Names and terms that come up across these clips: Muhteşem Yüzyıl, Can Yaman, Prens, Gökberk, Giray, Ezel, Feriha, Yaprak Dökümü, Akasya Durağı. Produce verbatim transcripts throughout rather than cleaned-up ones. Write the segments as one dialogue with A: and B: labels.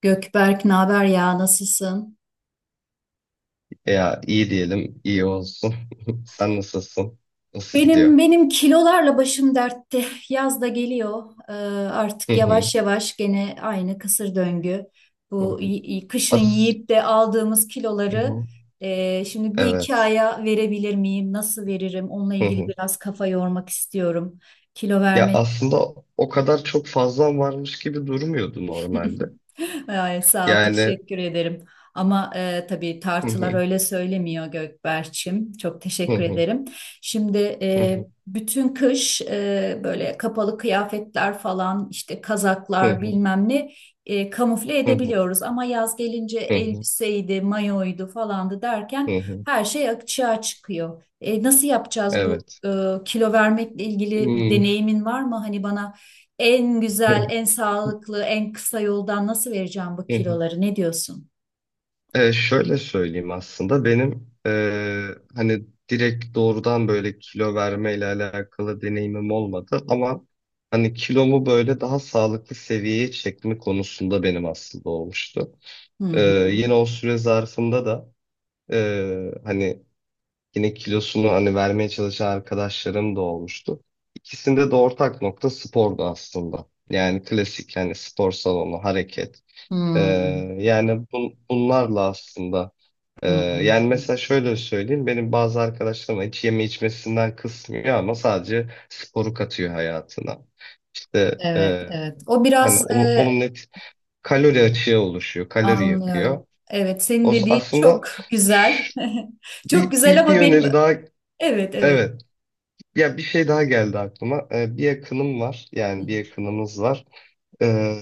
A: Gökberk, ne haber ya? Nasılsın?
B: Ya iyi diyelim, iyi olsun. Sen nasılsın? Nasıl gidiyor?
A: Benim benim kilolarla başım dertte. Yaz da geliyor. Ee,
B: Hı
A: artık
B: hı.
A: yavaş yavaş gene aynı kısır döngü.
B: Hı
A: Bu
B: hı.
A: y- y- kışın
B: As
A: yiyip de aldığımız
B: hı
A: kiloları
B: hı.
A: e, şimdi bir iki
B: Evet.
A: aya verebilir miyim? Nasıl veririm? Onunla
B: Hı
A: ilgili
B: hı.
A: biraz kafa yormak istiyorum. Kilo
B: Ya
A: vermek.
B: aslında o kadar çok fazla varmış gibi durmuyordu normalde.
A: Ay, sağ ol,
B: Yani
A: teşekkür ederim. Ama e, tabii
B: hı
A: tartılar
B: hı.
A: öyle söylemiyor Gökberç'im. Çok
B: Hı
A: teşekkür
B: hı.
A: ederim. Şimdi
B: Hı
A: e,
B: hı.
A: bütün kış e, böyle kapalı kıyafetler falan işte
B: Hı
A: kazaklar
B: hı.
A: bilmem ne e, kamufle
B: Hı hı.
A: edebiliyoruz. Ama yaz gelince
B: Hı hı.
A: elbiseydi, mayoydu falandı
B: Hı
A: derken
B: hı.
A: her şey açığa çıkıyor. E, nasıl yapacağız bu
B: Evet.
A: e, kilo vermekle ilgili bir
B: Hmm.
A: deneyimin var mı? Hani bana en
B: Hı
A: güzel, en sağlıklı, en kısa yoldan nasıl vereceğim bu
B: hı.
A: kiloları? Ne diyorsun?
B: E, şöyle söyleyeyim aslında benim e, hani direkt doğrudan böyle kilo vermeyle alakalı deneyimim olmadı ama hani kilomu böyle daha sağlıklı seviyeye çekme konusunda benim aslında olmuştu.
A: Hı
B: E,
A: hı.
B: Yine o süre zarfında da e, hani yine kilosunu hani vermeye çalışan arkadaşlarım da olmuştu. İkisinde de ortak nokta spordu aslında. Yani klasik yani spor salonu, hareket. E,
A: Hmm.
B: yani bun- bunlarla aslında ee,
A: Hı hı.
B: yani
A: Hı.
B: mesela şöyle söyleyeyim. Benim bazı arkadaşlarım hiç yeme içmesinden kısmıyor ama sadece sporu katıyor hayatına. İşte
A: Evet,
B: e,
A: evet. O
B: hani
A: biraz
B: onu,
A: e,
B: onun net kalori açığı oluşuyor. Kalori
A: anlıyorum.
B: yakıyor.
A: Evet, senin
B: O s-
A: dediğin çok
B: aslında
A: güzel.
B: ş-
A: Çok
B: bir,
A: güzel
B: bir, bir
A: ama benim
B: öneri daha
A: evet, evet.
B: evet. Ya bir şey daha geldi aklıma. Ee, bir yakınım var.
A: Hı
B: Yani bir yakınımız var. Ee,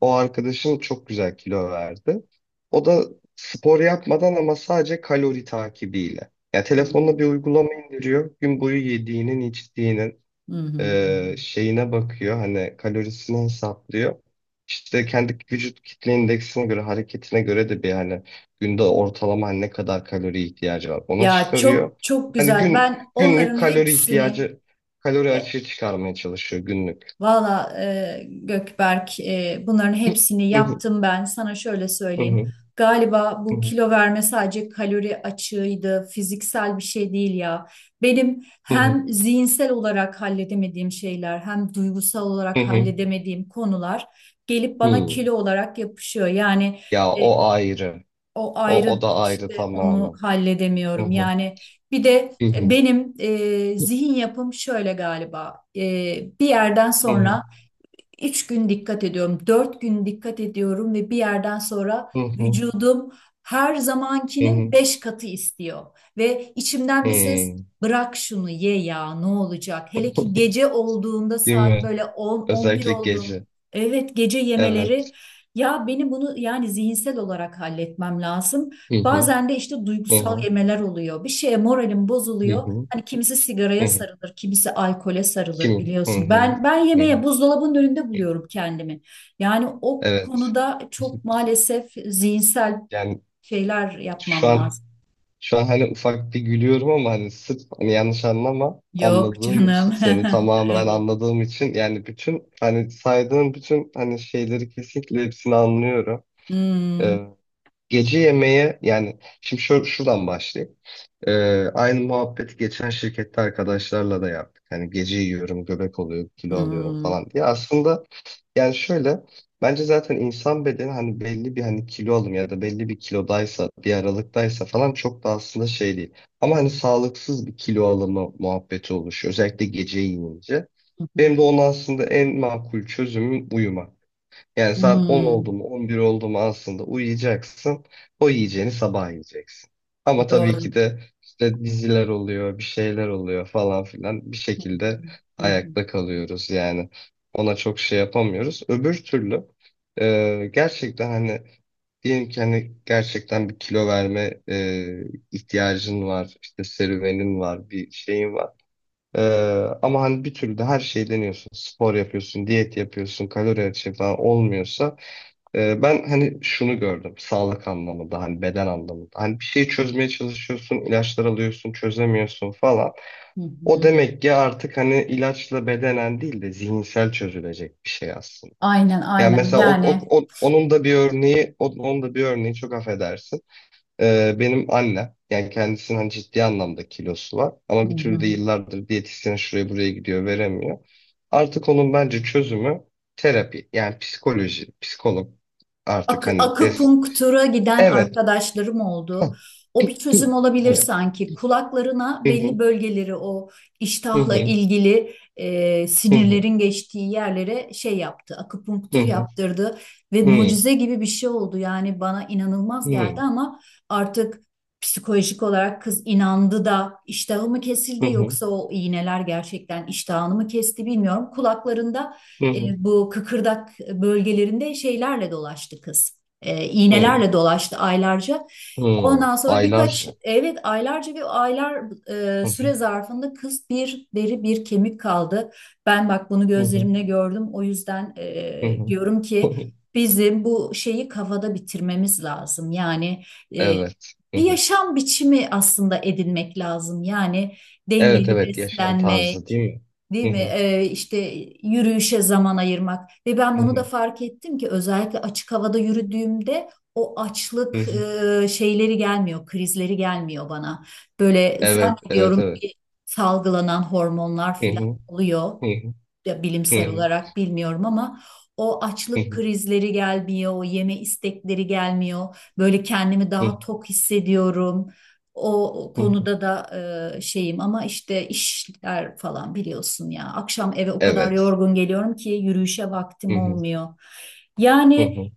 B: O arkadaşım çok güzel kilo verdi. O da spor yapmadan ama sadece kalori takibiyle. Ya
A: hı.
B: telefonla bir uygulama indiriyor. Gün boyu yediğinin, içtiğinin
A: Hı hı. Hı hı.
B: e, şeyine bakıyor. Hani kalorisini hesaplıyor. İşte kendi vücut kitle indeksine göre, hareketine göre de bir hani günde ortalama ne kadar kalori ihtiyacı var onu
A: Ya çok
B: çıkarıyor.
A: çok
B: Hani
A: güzel.
B: gün
A: Ben
B: günlük
A: onların
B: kalori
A: hepsini
B: ihtiyacı, kalori açığı çıkarmaya çalışıyor günlük.
A: Valla e, Gökberk e, bunların hepsini yaptım ben. Sana şöyle
B: Hı hı, hı
A: söyleyeyim.
B: hı,
A: Galiba bu kilo verme sadece kalori açığıydı, fiziksel bir şey değil ya. Benim
B: hı hı,
A: hem zihinsel olarak halledemediğim şeyler hem duygusal
B: hı
A: olarak
B: hı.
A: halledemediğim konular gelip bana
B: Hmm.
A: kilo olarak yapışıyor. Yani
B: Ya
A: e,
B: o ayrı.
A: o
B: O
A: ayrı
B: o da ayrı
A: işte onu
B: tamamen. Hı
A: halledemiyorum.
B: hı.
A: Yani bir de
B: Hı
A: e,
B: hı.
A: benim e, zihin yapım şöyle galiba. E, bir yerden
B: Hı hı.
A: sonra Üç gün dikkat ediyorum, dört gün dikkat ediyorum ve bir yerden sonra
B: Hı hı.
A: vücudum her
B: Hı
A: zamankinin
B: hı.
A: beş katı istiyor. Ve içimden bir ses
B: Hmm.
A: bırak şunu ye ya ne olacak? Hele ki gece olduğunda
B: Değil
A: saat
B: mi?
A: böyle on on bir
B: Özellikle
A: olduğunda,
B: gece.
A: evet, gece yemeleri
B: Evet.
A: ya benim bunu yani zihinsel olarak halletmem lazım.
B: Hı hı.
A: Bazen de işte
B: Hı
A: duygusal
B: hı.
A: yemeler oluyor. Bir şeye moralim
B: Hı
A: bozuluyor.
B: hı.
A: Hani kimisi
B: Hı
A: sigaraya
B: hı.
A: sarılır, kimisi alkole sarılır
B: Kim? Hı
A: biliyorsun.
B: hı.
A: Ben ben
B: Hı
A: yemeğe
B: hı.
A: buzdolabının önünde buluyorum kendimi. Yani o
B: Evet.
A: konuda çok maalesef zihinsel
B: Yani
A: şeyler
B: şu
A: yapmam
B: an
A: lazım.
B: şu an hani ufak bir gülüyorum ama hani sırf hani yanlış anlama
A: Yok
B: anladığım
A: canım.
B: için seni tamamen
A: Evet.
B: anladığım için yani bütün hani saydığın bütün hani şeyleri kesinlikle hepsini anlıyorum.
A: Hmm,
B: Ee, Gece yemeğe yani şimdi şö- şuradan başlayayım. Ee, Aynı muhabbeti geçen şirkette arkadaşlarla da yaptık. Hani gece yiyorum, göbek oluyor, kilo alıyorum
A: hmm,
B: falan diye. Aslında yani şöyle bence zaten insan bedeni hani belli bir hani kilo alım ya da belli bir kilodaysa, bir aralıktaysa falan çok da aslında şey değil. Ama hani sağlıksız bir kilo alımı muhabbeti oluşuyor. Özellikle gece yiyince. Benim de
A: hmm,
B: onun aslında en makul çözümüm uyuma. Yani saat on oldu
A: hmm.
B: mu on bir oldu mu aslında uyuyacaksın. O yiyeceğini sabah yiyeceksin. Ama tabii
A: Doğru.
B: ki de işte diziler oluyor, bir şeyler oluyor falan filan bir
A: Hı
B: şekilde
A: hı, hı hı,
B: ayakta kalıyoruz yani. Ona çok şey yapamıyoruz. Öbür türlü e, gerçekten hani diyelim ki hani gerçekten bir kilo verme e, ihtiyacın var, işte serüvenin var, bir şeyin var. Ee, Ama hani bir türlü de her şeyi deniyorsun. Spor yapıyorsun, diyet yapıyorsun, kalori açığı falan olmuyorsa ee, ben hani şunu gördüm sağlık anlamında hani beden anlamında hani bir şeyi çözmeye çalışıyorsun ilaçlar alıyorsun çözemiyorsun falan
A: hı
B: o
A: hı.
B: demek ki artık hani ilaçla bedenen değil de zihinsel çözülecek bir şey aslında.
A: Aynen
B: Yani
A: aynen
B: mesela o,
A: yani.
B: o- o- onun da bir örneği o- onun da bir örneği çok affedersin. Ee, benim annem yani kendisinin hani ciddi anlamda kilosu var
A: Hı
B: ama bir türlü
A: hı.
B: de yıllardır diyetisyene şuraya buraya gidiyor veremiyor. Artık onun bence çözümü terapi yani psikoloji, psikolog artık
A: Ak
B: hani des
A: akupunktura giden
B: evet
A: arkadaşlarım oldu. O bir
B: hı,
A: çözüm olabilir
B: evet.
A: sanki. Kulaklarına
B: Hı
A: belli
B: hı,
A: bölgeleri o
B: hı
A: iştahla
B: hı,
A: ilgili e,
B: hı hı,
A: sinirlerin geçtiği yerlere şey yaptı.
B: hı
A: Akupunktur
B: hı,
A: yaptırdı ve
B: hı hı,
A: mucize gibi bir şey oldu. Yani bana inanılmaz geldi
B: hı
A: ama artık psikolojik olarak kız inandı da iştahı mı kesildi
B: hı,
A: yoksa o iğneler gerçekten iştahını mı kesti bilmiyorum. Kulaklarında
B: hı hı,
A: e, bu kıkırdak bölgelerinde şeylerle dolaştı kız. E,
B: hı
A: iğnelerle dolaştı aylarca.
B: hı.
A: Ondan sonra birkaç
B: Aylarca.
A: evet aylarca bir aylar e,
B: Hı
A: süre
B: hı,
A: zarfında kız bir deri bir kemik kaldı. Ben bak bunu
B: hı hı,
A: gözlerimle gördüm. O yüzden
B: hı
A: e,
B: hı,
A: diyorum
B: hı
A: ki
B: hı.
A: bizim bu şeyi kafada bitirmemiz lazım. Yani e,
B: Evet. Hı
A: bir
B: hı.
A: yaşam biçimi aslında edinmek lazım. Yani
B: Evet,
A: dengeli
B: evet yaşam tarzı
A: beslenmek,
B: değil mi?
A: değil
B: Hı
A: mi?
B: hı,
A: Ee, işte yürüyüşe zaman ayırmak ve ben
B: hı
A: bunu da
B: hı,
A: fark ettim ki özellikle açık havada yürüdüğümde o
B: hı
A: açlık
B: hı.
A: e, şeyleri gelmiyor, krizleri gelmiyor bana. Böyle
B: Evet, evet,
A: zannediyorum
B: evet.
A: ki salgılanan hormonlar
B: Hı
A: filan
B: hı,
A: oluyor
B: hı hı,
A: ya
B: hı
A: bilimsel
B: hı,
A: olarak bilmiyorum ama o
B: hı
A: açlık krizleri gelmiyor, o yeme istekleri gelmiyor. Böyle kendimi daha
B: hı,
A: tok hissediyorum. O
B: hı hı.
A: konuda da e, şeyim ama işte işler falan biliyorsun ya. Akşam eve o kadar
B: Evet.
A: yorgun geliyorum ki yürüyüşe
B: Hı
A: vaktim
B: hı,
A: olmuyor.
B: hı
A: Yani
B: hı,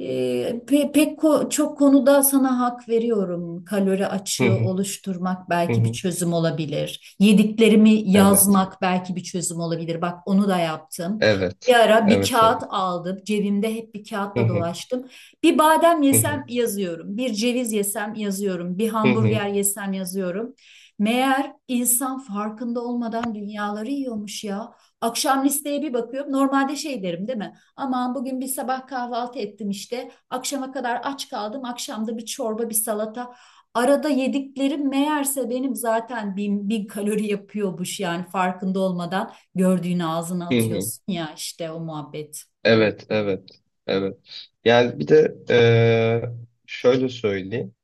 A: ee, pe- pek ko- çok konuda sana hak veriyorum. Kalori
B: hı
A: açığı
B: hı,
A: oluşturmak
B: hı
A: belki bir
B: hı.
A: çözüm olabilir. Yediklerimi
B: Evet,
A: yazmak belki bir çözüm olabilir. Bak onu da yaptım.
B: evet,
A: Bir ara bir
B: evet,
A: kağıt
B: evet.
A: aldım. Cebimde hep bir
B: Hı
A: kağıtla
B: hı,
A: dolaştım. Bir badem
B: hı hı,
A: yesem yazıyorum. Bir ceviz yesem yazıyorum. Bir
B: hı hı,
A: hamburger yesem yazıyorum. Meğer insan farkında olmadan dünyaları yiyormuş ya. Akşam listeye bir bakıyorum. Normalde şey derim değil mi? Aman bugün bir sabah kahvaltı ettim işte. Akşama kadar aç kaldım. Akşamda bir çorba, bir salata. Arada yediklerim meğerse benim zaten bin, bin kalori yapıyormuş yani farkında olmadan gördüğünü ağzına
B: hı hı.
A: atıyorsun ya işte o muhabbet.
B: Evet, evet, evet. Yani bir de eee, şöyle söyleyeyim.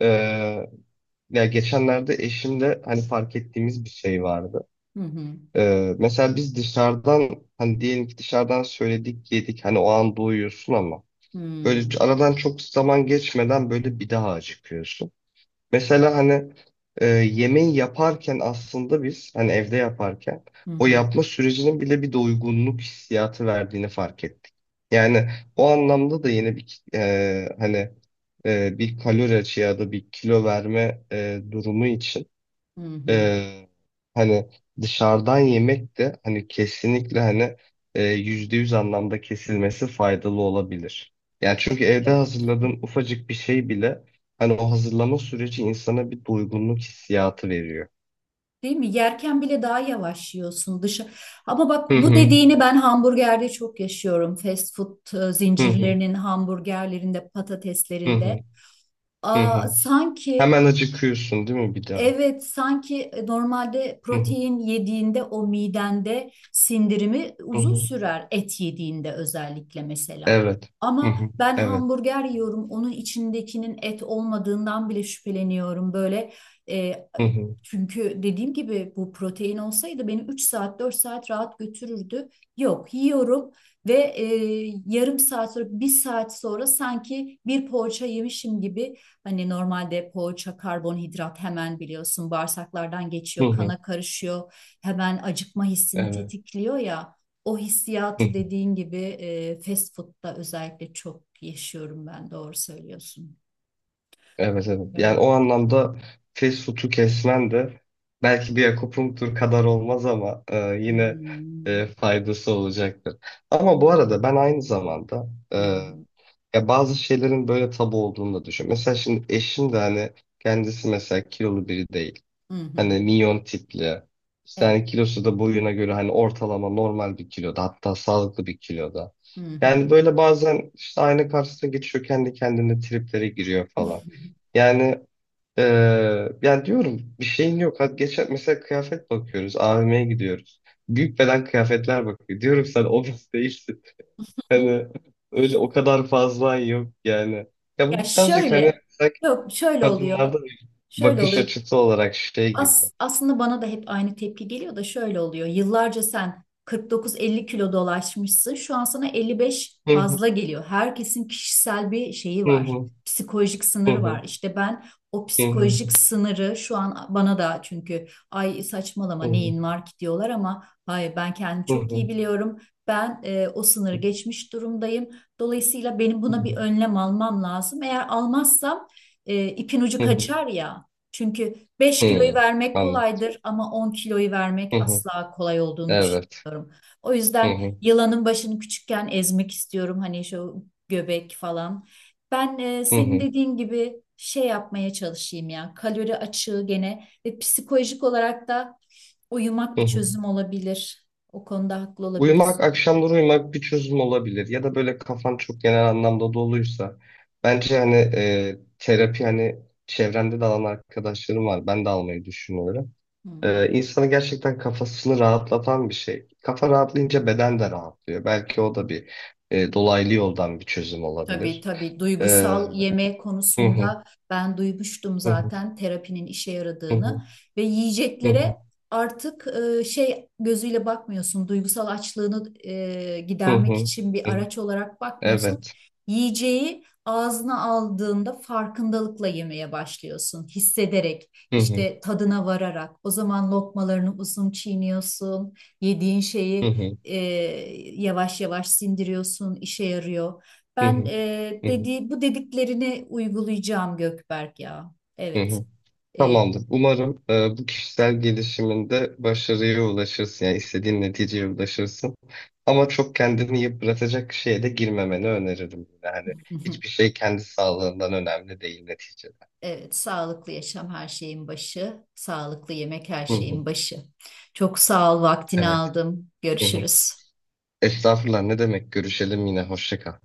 B: Eee, Ya geçenlerde eşimle hani fark ettiğimiz bir şey vardı.
A: Hı hı.
B: Eee, mesela biz dışarıdan hani diyelim ki dışarıdan söyledik yedik hani o an doyuyorsun ama böyle
A: Hı.
B: aradan çok zaman geçmeden böyle bir daha acıkıyorsun. Mesela
A: Evet.
B: hani e, yemeği yaparken aslında biz hani evde yaparken
A: Hı
B: o
A: hı.
B: yapma sürecinin bile bir doygunluk hissiyatı verdiğini fark ettik. Yani o anlamda da yine bir e, hani e, bir kalori açığı ya da bir kilo verme e, durumu için
A: Hı hı.
B: ee, hani dışarıdan yemek de hani kesinlikle hani e, yüzde yüz anlamda kesilmesi faydalı olabilir. Yani çünkü evde hazırladığın ufacık bir şey bile hani o hazırlama süreci insana bir doygunluk hissiyatı veriyor.
A: Değil mi? Yerken bile daha yavaş yiyorsun dışı. Ama
B: Hı
A: bak bu
B: hı
A: dediğini ben hamburgerde çok yaşıyorum. Fast food e,
B: hı hı
A: zincirlerinin hamburgerlerinde, patateslerinde.
B: hı hı
A: Aa,
B: hı. Hı.
A: sanki
B: Hemen acıkıyorsun değil mi bir daha?
A: evet sanki e, normalde
B: Hı hı
A: protein yediğinde o midende sindirimi
B: hı.
A: uzun
B: Hı.
A: sürer et yediğinde özellikle mesela.
B: Evet. Hı
A: Ama
B: hı.
A: ben
B: Evet.
A: hamburger yiyorum onun içindekinin et olmadığından bile şüpheleniyorum böyle e,
B: Hı hı
A: çünkü dediğim gibi bu protein olsaydı beni üç saat dört saat rahat götürürdü. Yok yiyorum ve e, yarım saat sonra bir saat sonra sanki bir poğaça yemişim gibi hani normalde poğaça, karbonhidrat hemen biliyorsun bağırsaklardan
B: hı.
A: geçiyor,
B: Hı.
A: kana karışıyor. Hemen acıkma hissini
B: Evet.
A: tetikliyor ya. O
B: Hı
A: hissiyatı
B: hı.
A: dediğin gibi e, fast food'da özellikle çok yaşıyorum ben. Doğru söylüyorsun.
B: Evet, evet. Yani
A: Evet.
B: o anlamda fast food'u kesmen de belki bir akupunktur kadar olmaz ama e, yine
A: Hmm.
B: e, faydası olacaktır. Ama bu arada ben aynı zamanda e,
A: Hı hı.
B: ya bazı şeylerin böyle tabu olduğunu da düşünüyorum. Mesela şimdi eşim de hani kendisi mesela kilolu biri değil.
A: Hı hı. Hı.
B: Hani minyon tipli. İşte
A: Evet.
B: hani kilosu da boyuna göre hani ortalama normal bir kiloda hatta sağlıklı bir kiloda.
A: Hı hı.
B: Yani böyle bazen işte ayna karşısına geçiyor kendi kendine triplere giriyor falan. Yani eee yani diyorum bir şeyin yok. Hadi geçen mesela kıyafet bakıyoruz. A V M'ye gidiyoruz. Büyük beden kıyafetler bakıyor. Diyorum sen obez değilsin. Hani öyle o kadar fazla yok yani. Ya bu
A: Ya
B: birazcık hani
A: şöyle,
B: sanki
A: yok şöyle oluyor.
B: kadınlarda bir
A: Şöyle
B: bakış
A: oluyor.
B: açısı olarak şey gibi.
A: As, aslında bana da hep aynı tepki geliyor da şöyle oluyor. Yıllarca sen kırk dokuz elli kilo dolaşmışsın. Şu an sana elli beş fazla geliyor. Herkesin kişisel bir şeyi
B: Hı
A: var.
B: hı,
A: Psikolojik
B: hı
A: sınırı
B: hı,
A: var. İşte ben o
B: hı hı,
A: psikolojik sınırı şu an bana da çünkü ay saçmalama
B: hı hı,
A: neyin var ki diyorlar ama hayır ben kendimi
B: hı
A: çok iyi
B: hı,
A: biliyorum. Ben e, o sınırı geçmiş durumdayım. Dolayısıyla benim buna bir önlem almam lazım. Eğer almazsam e, ipin ucu
B: hı hı,
A: kaçar ya. Çünkü Beş kiloyu
B: hı.
A: vermek
B: Anladım.
A: kolaydır ama on kiloyu vermek
B: Hı hı.
A: asla kolay olduğunu
B: Evet.
A: düşünüyorum. O
B: Hı
A: yüzden
B: hı,
A: yılanın başını küçükken ezmek istiyorum hani şu göbek falan. Ben e,
B: hı
A: senin
B: hı,
A: dediğin gibi şey yapmaya çalışayım ya kalori açığı gene ve psikolojik olarak da uyumak
B: hı
A: bir
B: hı.
A: çözüm olabilir. O konuda haklı
B: Uyumak,
A: olabilirsin.
B: akşamları uyumak bir çözüm olabilir. Ya da böyle kafan çok genel anlamda doluysa. Bence hani e, terapi hani çevrende de alan arkadaşlarım var. Ben de almayı düşünüyorum.
A: Hı
B: E,
A: hı.
B: insanı gerçekten kafasını rahatlatan bir şey. Kafa rahatlayınca beden de rahatlıyor. Belki o da bir e, dolaylı yoldan bir çözüm
A: Tabii
B: olabilir.
A: tabii
B: E,
A: duygusal yeme
B: Hı hı.
A: konusunda ben duymuştum
B: Hı hı,
A: zaten terapinin işe
B: hı hı,
A: yaradığını ve
B: hı hı,
A: yiyeceklere artık e, şey gözüyle bakmıyorsun duygusal açlığını e,
B: hı hı,
A: gidermek için
B: hı.
A: bir
B: Hı.
A: araç olarak bakmıyorsun.
B: Evet.
A: Yiyeceği ağzına aldığında farkındalıkla yemeye başlıyorsun hissederek
B: Hı hı,
A: işte tadına vararak o zaman lokmalarını uzun çiğniyorsun yediğin
B: hı
A: şeyi
B: hı,
A: e, yavaş yavaş sindiriyorsun işe yarıyor.
B: hı
A: Ben
B: hı,
A: e,
B: hı hı,
A: dediği bu dediklerini uygulayacağım Gökberk ya.
B: hı
A: Evet.
B: hı.
A: E,
B: Tamamdır. Umarım e, bu kişisel gelişiminde başarıya ulaşırsın. Yani istediğin neticeye ulaşırsın. Ama çok kendini yıpratacak şeye de girmemeni öneririm. Yani hiçbir şey kendi sağlığından önemli değil neticede.
A: evet, sağlıklı yaşam her şeyin başı, sağlıklı yemek her
B: Hı hı,
A: şeyin başı. Çok sağ ol, vaktini
B: evet.
A: aldım.
B: Hı hı.
A: Görüşürüz.
B: Estağfurullah, ne demek? Görüşelim yine. Hoşça kal.